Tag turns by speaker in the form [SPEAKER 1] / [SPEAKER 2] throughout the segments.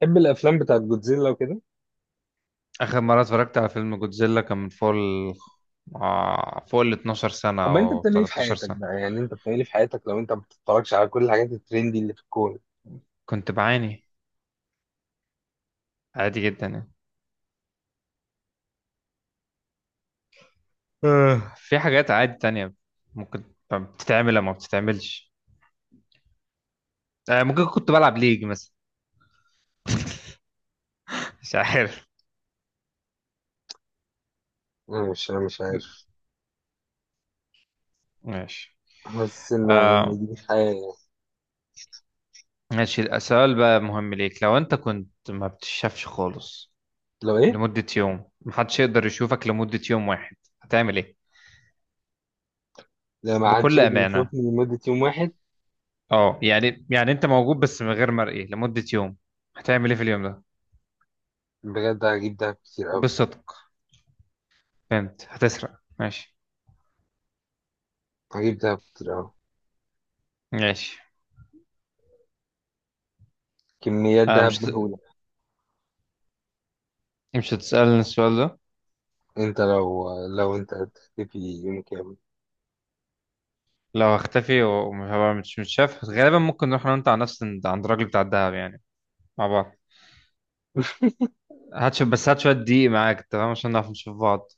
[SPEAKER 1] بتحب الافلام بتاعت جودزيلا وكده؟
[SPEAKER 2] آخر مرة اتفرجت على فيلم جودزيلا كان من فوق ال آه، فوق ال 12 سنة
[SPEAKER 1] امال انت
[SPEAKER 2] أو
[SPEAKER 1] بتعمل ايه في حياتك
[SPEAKER 2] 13 سنة.
[SPEAKER 1] بقى؟ يعني انت بتعمل ايه في حياتك لو انت ما بتتفرجش على كل الحاجات الترندي اللي في الكون؟
[SPEAKER 2] كنت بعاني. عادي جدا يعني. في حاجات عادي تانية ممكن بتتعمل أو ما بتتعملش. ممكن كنت بلعب ليج مثلا. مش عارف.
[SPEAKER 1] انا مش
[SPEAKER 2] م-
[SPEAKER 1] عارف.
[SPEAKER 2] ماشي.
[SPEAKER 1] حاسس ان
[SPEAKER 2] آه
[SPEAKER 1] ان دي حياه يعني.
[SPEAKER 2] ماشي، السؤال بقى مهم ليك، لو أنت كنت ما بتشافش خالص
[SPEAKER 1] لو ايه؟
[SPEAKER 2] لمدة يوم، محدش يقدر يشوفك لمدة يوم واحد، هتعمل إيه؟
[SPEAKER 1] لو ما عادش
[SPEAKER 2] بكل
[SPEAKER 1] يقدر
[SPEAKER 2] أمانة.
[SPEAKER 1] يشوفني لمده يوم واحد،
[SPEAKER 2] يعني انت موجود بس من غير مرئي لمدة يوم، هتعمل ايه في اليوم ده؟
[SPEAKER 1] بجد هجيب دهب كتير قوي.
[SPEAKER 2] بالصدق. فهمت، هتسرق، ماشي.
[SPEAKER 1] هجيب دهب كتير قوي.
[SPEAKER 2] ماشي.
[SPEAKER 1] كميات
[SPEAKER 2] آه
[SPEAKER 1] دهب
[SPEAKER 2] مش هت-
[SPEAKER 1] مهوله.
[SPEAKER 2] مش هتسألني السؤال ده؟
[SPEAKER 1] انت لو لو انت هتختفي يوم كامل؟
[SPEAKER 2] لو هختفي ومش هبقى مش متشاف غالبا، ممكن نروح انا وانت على نفس عند الراجل بتاع الدهب يعني، مع بعض. هتشوف بس هات شوية دقيق معاك، تمام، عشان نعرف نشوف بعض.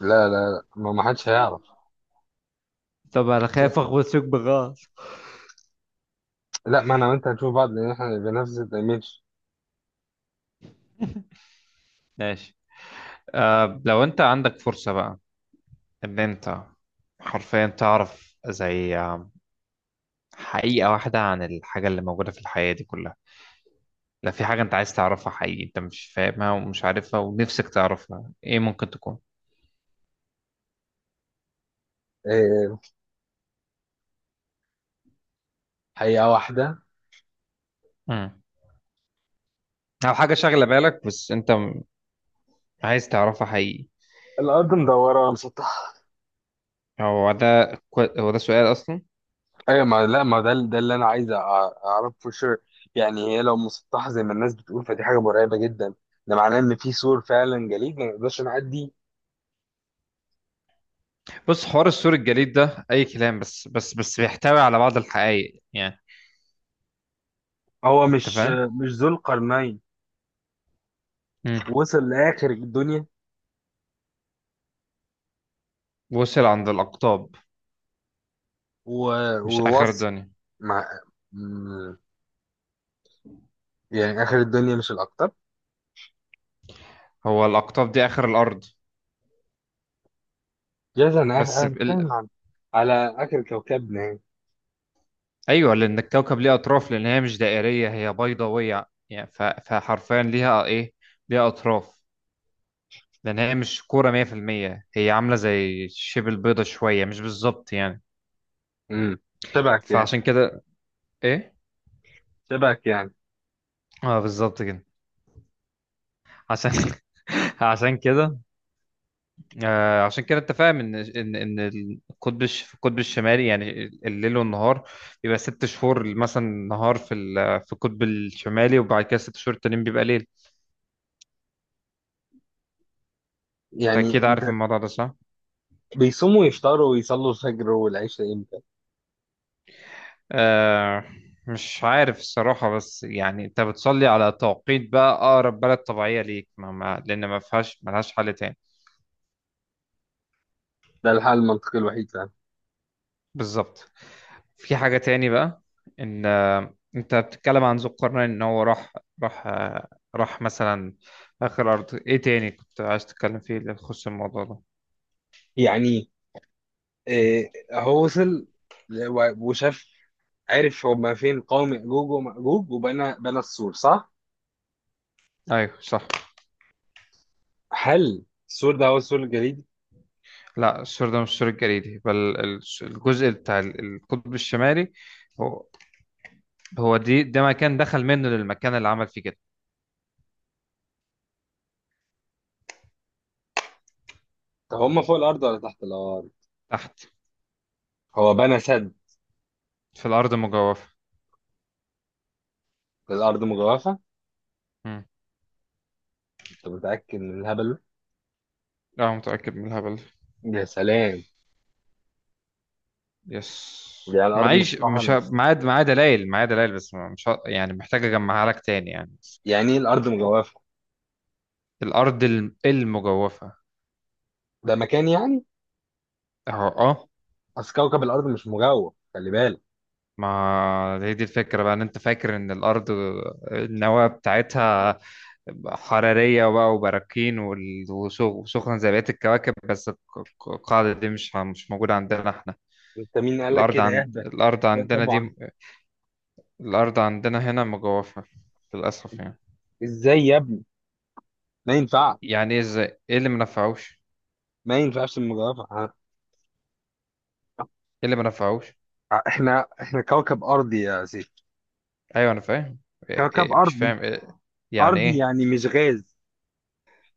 [SPEAKER 1] لا، لا، لا، ما حدش هيعرف.
[SPEAKER 2] طب انا خايف اخبط فيك بغلط.
[SPEAKER 1] لا، ما انا وانت هنشوف بعض لان احنا بنفس الايمج.
[SPEAKER 2] ماشي. لو انت عندك فرصة بقى ان انت حرفيا تعرف زي حقيقة واحدة عن الحاجة اللي موجودة في الحياة دي كلها، لا، في حاجة انت عايز تعرفها حقيقي، انت مش فاهمها ومش عارفها ونفسك تعرفها، ايه ممكن تكون؟
[SPEAKER 1] إيه، حقيقه واحده.
[SPEAKER 2] امم او حاجة شاغلة بالك بس انت عايز تعرفها حقيقي.
[SPEAKER 1] الارض مدوره ولا مسطحه؟
[SPEAKER 2] هو ده سؤال اصلا؟
[SPEAKER 1] ايوه، ما لا، ما ده اللي انا عايز اعرفه شر. يعني هي لو مسطحه زي ما الناس بتقول فدي حاجه مرعبه جدا. ده معناه ان في سور فعلا جليد ما نقدرش نعدي.
[SPEAKER 2] بص، حوار السور الجليد ده اي كلام، بس بيحتوي على بعض الحقائق يعني،
[SPEAKER 1] هو
[SPEAKER 2] انت
[SPEAKER 1] مش
[SPEAKER 2] فاهم.
[SPEAKER 1] مش ذو القرنين
[SPEAKER 2] امم
[SPEAKER 1] وصل لاخر الدنيا
[SPEAKER 2] وصل عند الاقطاب، مش اخر
[SPEAKER 1] ووصل.
[SPEAKER 2] الدنيا.
[SPEAKER 1] مع م- يعني اخر الدنيا مش الاكتر.
[SPEAKER 2] هو الاقطاب دي اخر الارض؟
[SPEAKER 1] جاز انا
[SPEAKER 2] بس ب-
[SPEAKER 1] هتكلم
[SPEAKER 2] ال...
[SPEAKER 1] على اخر كوكبنا يعني.
[SPEAKER 2] ايوه، لان الكوكب ليه اطراف، لان هي مش دائرية، هي بيضاوية يعني، فحرفيا ليها ايه، ليها اطراف، لان هي مش كوره 100%، هي عامله زي شبه البيضه شويه، مش بالظبط يعني.
[SPEAKER 1] امم شبهك يعني.
[SPEAKER 2] فعشان كده. ايه.
[SPEAKER 1] شبهك يعني.
[SPEAKER 2] اه بالظبط كده. عشان عشان كده. عشان كده انت فاهم ان القطب في القطب الشمالي يعني، الليل والنهار بيبقى ست شهور مثلا نهار في القطب الشمالي، وبعد كده ست شهور التانيين بيبقى ليل. انت
[SPEAKER 1] يعني
[SPEAKER 2] اكيد
[SPEAKER 1] انت،
[SPEAKER 2] عارف الموضوع ده صح؟
[SPEAKER 1] بيصوموا يفطروا ويصلوا الفجر والعشاء امتى؟
[SPEAKER 2] آه. مش عارف الصراحة، بس يعني انت بتصلي على توقيت بقى اقرب بلد طبيعية ليك، ما لان ما فيهاش، ملهاش حل تاني.
[SPEAKER 1] ده الحل المنطقي الوحيد فعلا.
[SPEAKER 2] بالظبط. في حاجة تاني بقى، ان انت بتتكلم عن ذو القرنين ان هو راح آه، راح مثلا اخر ارض، ايه تاني كنت عايز تتكلم فيه اللي يخص الموضوع ده؟
[SPEAKER 1] يعني إيه، هو وصل وشاف، عرف هما فين قوم يأجوج ومأجوج، وبنى السور، صح؟
[SPEAKER 2] ايوه صح.
[SPEAKER 1] هل السور ده هو السور الجليدي؟
[SPEAKER 2] لا، السور ده مش السور الجليدي، بل الجزء بتاع القطب الشمالي، هو هو دي ده مكان دخل منه للمكان اللي عمل فيه كده.
[SPEAKER 1] طب هما فوق الأرض ولا تحت الأرض؟
[SPEAKER 2] تحت.
[SPEAKER 1] هو بنى سد.
[SPEAKER 2] في الأرض مجوفة.
[SPEAKER 1] في الأرض مجوفة؟
[SPEAKER 2] مم.
[SPEAKER 1] أنت متأكد من الهبل
[SPEAKER 2] لا متأكد من الهبل ده.
[SPEAKER 1] ده؟ يا سلام.
[SPEAKER 2] يس.
[SPEAKER 1] يعني الأرض
[SPEAKER 2] معيش،
[SPEAKER 1] مسطحة
[SPEAKER 2] مش ه... معايا دلائل، معايا دلائل، بس ما- مش ه... يعني محتاج أجمعها لك تاني يعني.
[SPEAKER 1] يعني إيه الأرض مجوفة؟
[SPEAKER 2] الأرض المجوفة،
[SPEAKER 1] ده مكان يعني؟
[SPEAKER 2] أهو أه.
[SPEAKER 1] أصل كوكب الأرض مش مجوف، خلي بالك.
[SPEAKER 2] ما هي دي الفكرة بقى، إن أنت فاكر إن الأرض، النواة بتاعتها حرارية بقى وبراكين وسخن زي بقية الكواكب، بس القاعدة دي مش موجودة عندنا إحنا.
[SPEAKER 1] أنت مين قال لك كده اهبل؟
[SPEAKER 2] الأرض
[SPEAKER 1] لا
[SPEAKER 2] عندنا دي،
[SPEAKER 1] طبعا.
[SPEAKER 2] الأرض عندنا هنا مجوفة، للأسف يعني.
[SPEAKER 1] إزاي يا ابني؟ ما ينفعش.
[SPEAKER 2] يعني ايه ازاي، ايه اللي ما نفعوش؟
[SPEAKER 1] ما ينفعش المجوفة
[SPEAKER 2] ايه اللي ما نفعوش؟
[SPEAKER 1] إحنا كوكب أرضي يا سيدي.
[SPEAKER 2] ايوه انا فاهم. إيه
[SPEAKER 1] كوكب
[SPEAKER 2] إيه مش
[SPEAKER 1] أرضي.
[SPEAKER 2] فاهم إيه. يعني
[SPEAKER 1] أرضي
[SPEAKER 2] ايه.
[SPEAKER 1] يعني مش غاز.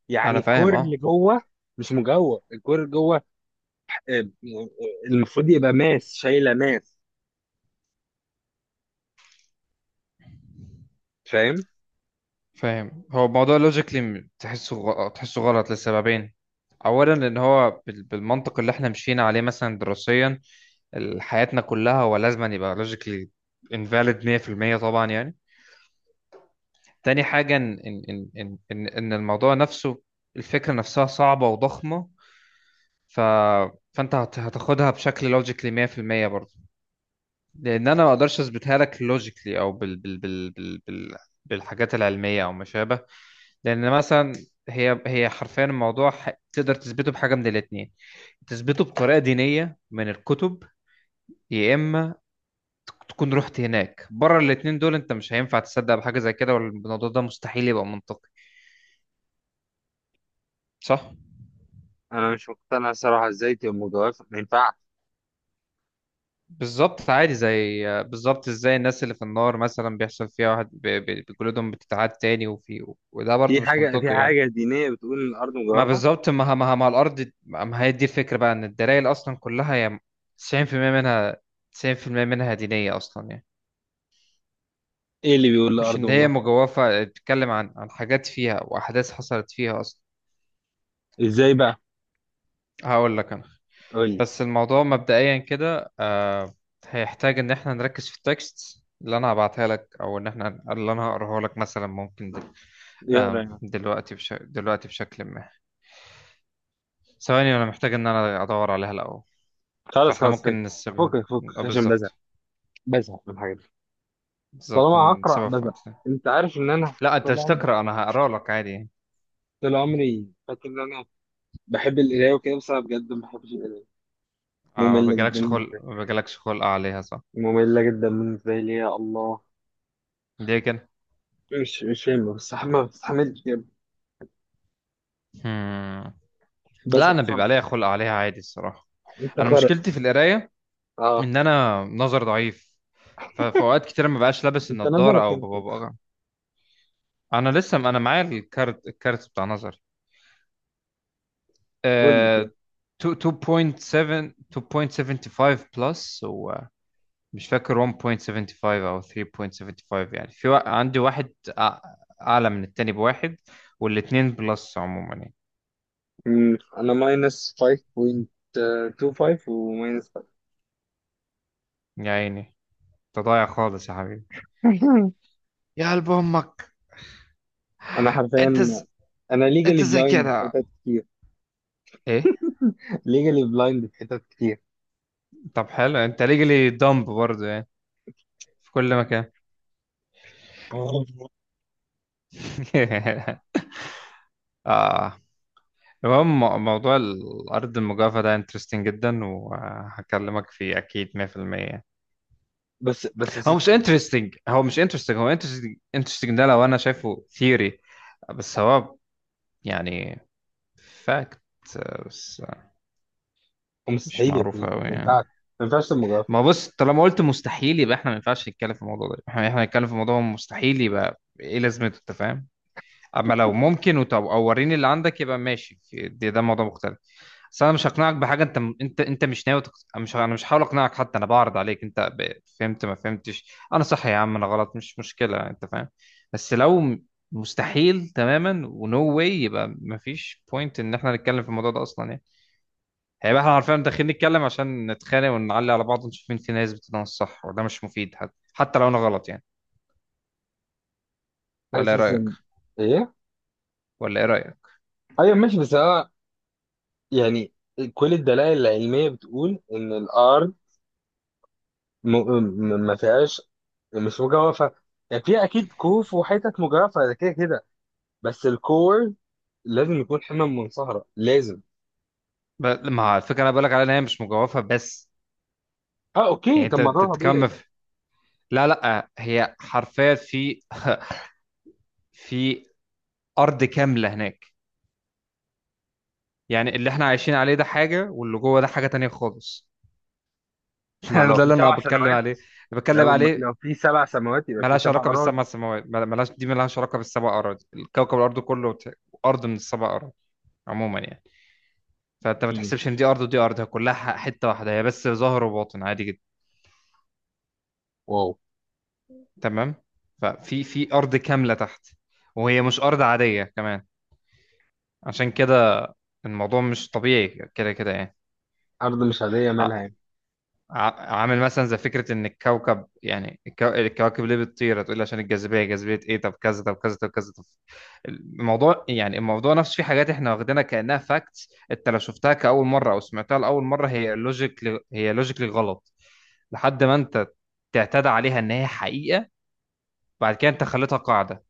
[SPEAKER 1] يعني
[SPEAKER 2] انا فاهم
[SPEAKER 1] الكور اللي
[SPEAKER 2] اه.
[SPEAKER 1] جوه مش مجوه، الكور اللي جوه. آه، المفروض يبقى ماس شايلة ماس، فاهم؟
[SPEAKER 2] فاهم، هو الموضوع لوجيكلي تحسه غلط لسببين: اولا ان هو بالمنطق اللي احنا مشينا عليه مثلا دراسيا حياتنا كلها، هو لازم أن يبقى لوجيكلي انفاليد 100% طبعا يعني. تاني حاجه، ان إن الموضوع نفسه، الفكره نفسها صعبه وضخمه، ف فانت هتاخدها بشكل لوجيكلي 100% برضه، لان انا ما اقدرش اثبتها لك لوجيكلي او بال بالحاجات العلميه او ما شابه. لان مثلا، هي حرفيا الموضوع تقدر تثبته بحاجه من الاثنين: تثبته بطريقه دينيه من الكتب، يا اما تكون رحت هناك. بره الاثنين دول انت مش هينفع تصدق بحاجه زي كده، والموضوع ده مستحيل يبقى منطقي، صح.
[SPEAKER 1] أنا مش مقتنع صراحة. إزاي تبقى مجوفة؟ ما ينفعش.
[SPEAKER 2] بالظبط، عادي، زي بالظبط ازاي الناس اللي في النار مثلا بيحصل فيها واحد بجلودهم بتتعاد تاني وفي، وده برضه
[SPEAKER 1] في
[SPEAKER 2] مش
[SPEAKER 1] حاجة في
[SPEAKER 2] منطقي يعني.
[SPEAKER 1] حاجة دينية بتقول إن الأرض
[SPEAKER 2] ما
[SPEAKER 1] مجوفة؟
[SPEAKER 2] بالظبط، ما ما ما الارض ما هي دي الفكره بقى، ان الدلائل اصلا كلها هي 90% منها 90% منها دينيه اصلا يعني.
[SPEAKER 1] إيه اللي بيقول
[SPEAKER 2] مش
[SPEAKER 1] الأرض
[SPEAKER 2] ان هي
[SPEAKER 1] مجوفة؟
[SPEAKER 2] مجوفه، بتتكلم عن حاجات فيها واحداث حصلت فيها اصلا.
[SPEAKER 1] إزاي بقى؟
[SPEAKER 2] هقول لك انا،
[SPEAKER 1] قول لي.
[SPEAKER 2] بس الموضوع مبدئيا كده هيحتاج ان احنا نركز في التكست اللي انا هبعتها لك، او ان احنا، اللي انا هقراها لك مثلا، ممكن دل...
[SPEAKER 1] يقرا
[SPEAKER 2] آه
[SPEAKER 1] يعني؟
[SPEAKER 2] دلوقتي بشكل ما، ثواني انا محتاج ان انا ادور عليها الاول.
[SPEAKER 1] خلاص،
[SPEAKER 2] فاحنا
[SPEAKER 1] خلاص،
[SPEAKER 2] ممكن
[SPEAKER 1] فكس
[SPEAKER 2] نسيبها.
[SPEAKER 1] فكك
[SPEAKER 2] اه
[SPEAKER 1] عشان بزهق.
[SPEAKER 2] بالظبط.
[SPEAKER 1] بزهق من الحاجات دي.
[SPEAKER 2] بالظبط،
[SPEAKER 1] طالما
[SPEAKER 2] من
[SPEAKER 1] هقرا
[SPEAKER 2] سبب في
[SPEAKER 1] بزهق.
[SPEAKER 2] وقتنا.
[SPEAKER 1] أنت عارف إن أنا،
[SPEAKER 2] لا، انت
[SPEAKER 1] طول
[SPEAKER 2] مش
[SPEAKER 1] عمري
[SPEAKER 2] تقرا، انا هقرا لك عادي يعني.
[SPEAKER 1] طول عمري فاكر إن أنا بحب القراية وكده، بس أنا بجد ما بحبش القراية. مملة جدا بالنسبة لي.
[SPEAKER 2] ما بيجيلكش خلق عليها، صح.
[SPEAKER 1] مملة جدا بالنسبة لي، يا الله.
[SPEAKER 2] دي كده.
[SPEAKER 1] مش فاهم، ما بستحملش يا ابني.
[SPEAKER 2] هم.
[SPEAKER 1] بس
[SPEAKER 2] لا، انا
[SPEAKER 1] خرق.
[SPEAKER 2] بيبقى ليا خلق عليها عادي الصراحه،
[SPEAKER 1] انت
[SPEAKER 2] انا
[SPEAKER 1] خرق.
[SPEAKER 2] مشكلتي في القرايه
[SPEAKER 1] اه.
[SPEAKER 2] ان انا نظر ضعيف. ففي اوقات كتير ما بقاش لابس
[SPEAKER 1] انت
[SPEAKER 2] النضاره
[SPEAKER 1] نظرك
[SPEAKER 2] او
[SPEAKER 1] كام كده؟
[SPEAKER 2] ببقى. انا لسه معايا الكارت، بتاع نظري.
[SPEAKER 1] قول لي كده.
[SPEAKER 2] آه، 2.75 بلس، و مش فاكر 1.75 او 3.75 يعني، في عندي واحد اعلى من التاني بواحد، والاتنين بلس عموما يعني.
[SPEAKER 1] مم، انا ماينس 5.25 وماينس 5.
[SPEAKER 2] يا عيني، انت ضايع خالص يا حبيبي، يا قلب امك.
[SPEAKER 1] انا حرفيا،
[SPEAKER 2] انت ز...
[SPEAKER 1] انا ليجالي
[SPEAKER 2] انت زي
[SPEAKER 1] بلايند في
[SPEAKER 2] كده،
[SPEAKER 1] حتت كتير.
[SPEAKER 2] ايه،
[SPEAKER 1] ليجالي بلايند في حتت كتير.
[SPEAKER 2] طب حلو، انت ليجلي دمب برضه يعني، في كل مكان. اه، المهم موضوع الارض المجاوفة ده انترستنج جدا، وهكلمك فيه اكيد 100%.
[SPEAKER 1] بس يا
[SPEAKER 2] هو
[SPEAKER 1] ست،
[SPEAKER 2] مش انترستنج، هو انترستنج، انترستنج ده لو انا شايفه ثيوري، بس هو يعني فاكت، بس مش
[SPEAKER 1] مستحيل يا
[SPEAKER 2] معروف
[SPEAKER 1] فيه،
[SPEAKER 2] قوي
[SPEAKER 1] ما ينفعش.
[SPEAKER 2] يعني.
[SPEAKER 1] ما ينفعش تبقى مجرد.
[SPEAKER 2] ما بص، طالما قلت مستحيل يبقى احنا ما ينفعش نتكلم في الموضوع ده، احنا نتكلم في موضوع مستحيل، يبقى ايه لازمته؟ انت فاهم. اما لو ممكن، وطب او وريني اللي عندك، يبقى ماشي، ده موضوع مختلف. بس انا مش هقنعك بحاجه، انت مش ناوي مش، انا مش هحاول اقنعك حتى، انا بعرض عليك انت فهمت، ما فهمتش، انا صح يا عم، انا غلط، مش مشكله، انت فاهم. بس مستحيل تماما ونو واي، يبقى مفيش بوينت ان احنا نتكلم في الموضوع ده اصلا يعني. هيبقى احنا عارفين داخلين نتكلم عشان نتخانق ونعلي على بعض ونشوف مين فينا يثبت ان انا الصح، وده مش مفيد، حتى لو انا غلط يعني. ولا ايه
[SPEAKER 1] حاسس
[SPEAKER 2] رايك؟
[SPEAKER 1] ان. ايه.
[SPEAKER 2] ولا ايه رايك؟
[SPEAKER 1] ايوه، ماشي، بس أنا، يعني كل الدلائل العلمية بتقول إن الأرض ما فيهاش، مش مجوفة. يعني فيها أكيد كهوف وحتت مجوفة، ده كده كده. بس الكور لازم يكون حمم من صحراء، لازم.
[SPEAKER 2] ما الفكره انا بقولك عليها ان هي مش مجوفه بس،
[SPEAKER 1] أه، أوكي،
[SPEAKER 2] يعني
[SPEAKER 1] طب
[SPEAKER 2] انت
[SPEAKER 1] ما ده طبيعي.
[SPEAKER 2] تتكمل. لا لا، هي حرفيا في في ارض كامله هناك، يعني اللي احنا عايشين عليه ده حاجه، واللي جوه ده حاجه تانية خالص.
[SPEAKER 1] ما لو
[SPEAKER 2] ده
[SPEAKER 1] في
[SPEAKER 2] اللي انا
[SPEAKER 1] سبع
[SPEAKER 2] بتكلم
[SPEAKER 1] سنوات
[SPEAKER 2] عليه، اللي بتكلم
[SPEAKER 1] لو
[SPEAKER 2] عليه.
[SPEAKER 1] لو في 7 سماوات يبقى في
[SPEAKER 2] ملهاش
[SPEAKER 1] سبع
[SPEAKER 2] علاقه
[SPEAKER 1] أراضي
[SPEAKER 2] بالسبع سماوات، ملهاش علاقه بالسبع اراضي، الكوكب الارض كله ارض من السبع اراضي عموما يعني. فانت ما
[SPEAKER 1] مم.
[SPEAKER 2] تحسبش ان دي ارض ودي ارض، هي كلها حته واحده، هي بس ظاهر وباطن، عادي جدا.
[SPEAKER 1] واو.
[SPEAKER 2] تمام. في ارض كامله تحت، وهي مش ارض عاديه كمان، عشان كده الموضوع مش طبيعي كده كده يعني.
[SPEAKER 1] أرض مش عادية مالها يعني؟
[SPEAKER 2] عامل مثلا زي فكرة إن الكوكب، يعني الكواكب ليه بتطير؟ هتقول لي عشان الجاذبية، جاذبية إيه؟ طب كذا، طب كذا، طب كذا، طب الموضوع، يعني الموضوع نفسه، في حاجات إحنا واخدينها كأنها فاكتس، أنت لو شفتها كأول مرة أو سمعتها لأول مرة هي لوجيكلي غلط، لحد ما أنت تعتاد عليها إن هي حقيقة. بعد كده أنت خليتها قاعدة،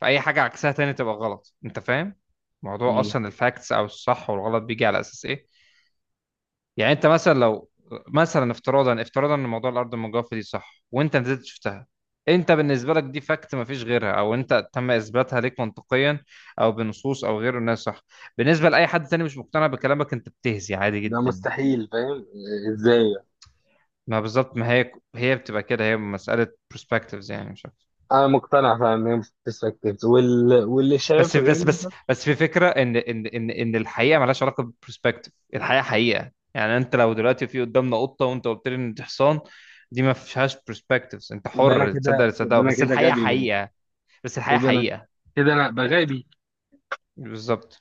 [SPEAKER 2] فأي حاجة عكسها تاني تبقى غلط، أنت فاهم؟ موضوع
[SPEAKER 1] مم.
[SPEAKER 2] أصلا الفاكتس أو الصح والغلط بيجي على أساس إيه؟ يعني انت مثلا لو مثلا، افتراضا ان موضوع الارض المجوفه دي صح، وانت نزلت شفتها، انت بالنسبه لك دي فاكت مفيش غيرها، او انت تم اثباتها ليك منطقيا او بنصوص او غيره انها صح. بالنسبه لاي حد تاني مش مقتنع بكلامك، انت بتهزي عادي
[SPEAKER 1] ده
[SPEAKER 2] جدا.
[SPEAKER 1] مستحيل، فاهم؟ ازاي؟
[SPEAKER 2] ما بالظبط، ما هي بتبقى كده، هي مساله برسبكتيفز يعني، مش عارف.
[SPEAKER 1] انا مقتنع فعلا ان هي مش perspectives. واللي
[SPEAKER 2] بس
[SPEAKER 1] شايف غير
[SPEAKER 2] بس
[SPEAKER 1] اللي مش
[SPEAKER 2] بس
[SPEAKER 1] شايف.
[SPEAKER 2] بس في فكره ان الحقيقه ملهاش علاقه بالبرسبكتيف، الحقيقه حقيقه يعني، انت لو دلوقتي في قدامنا قطه وانت قلت لي ان دي حصان، دي ما فيهاش برسبكتيفز، انت حر تصدق اللي تصدقه،
[SPEAKER 1] يبقى انا
[SPEAKER 2] بس
[SPEAKER 1] كده
[SPEAKER 2] الحقيقه
[SPEAKER 1] غبي بقى.
[SPEAKER 2] حقيقه. بس الحقيقه
[SPEAKER 1] كده.
[SPEAKER 2] حقيقه.
[SPEAKER 1] كده انا بغابي
[SPEAKER 2] بالظبط.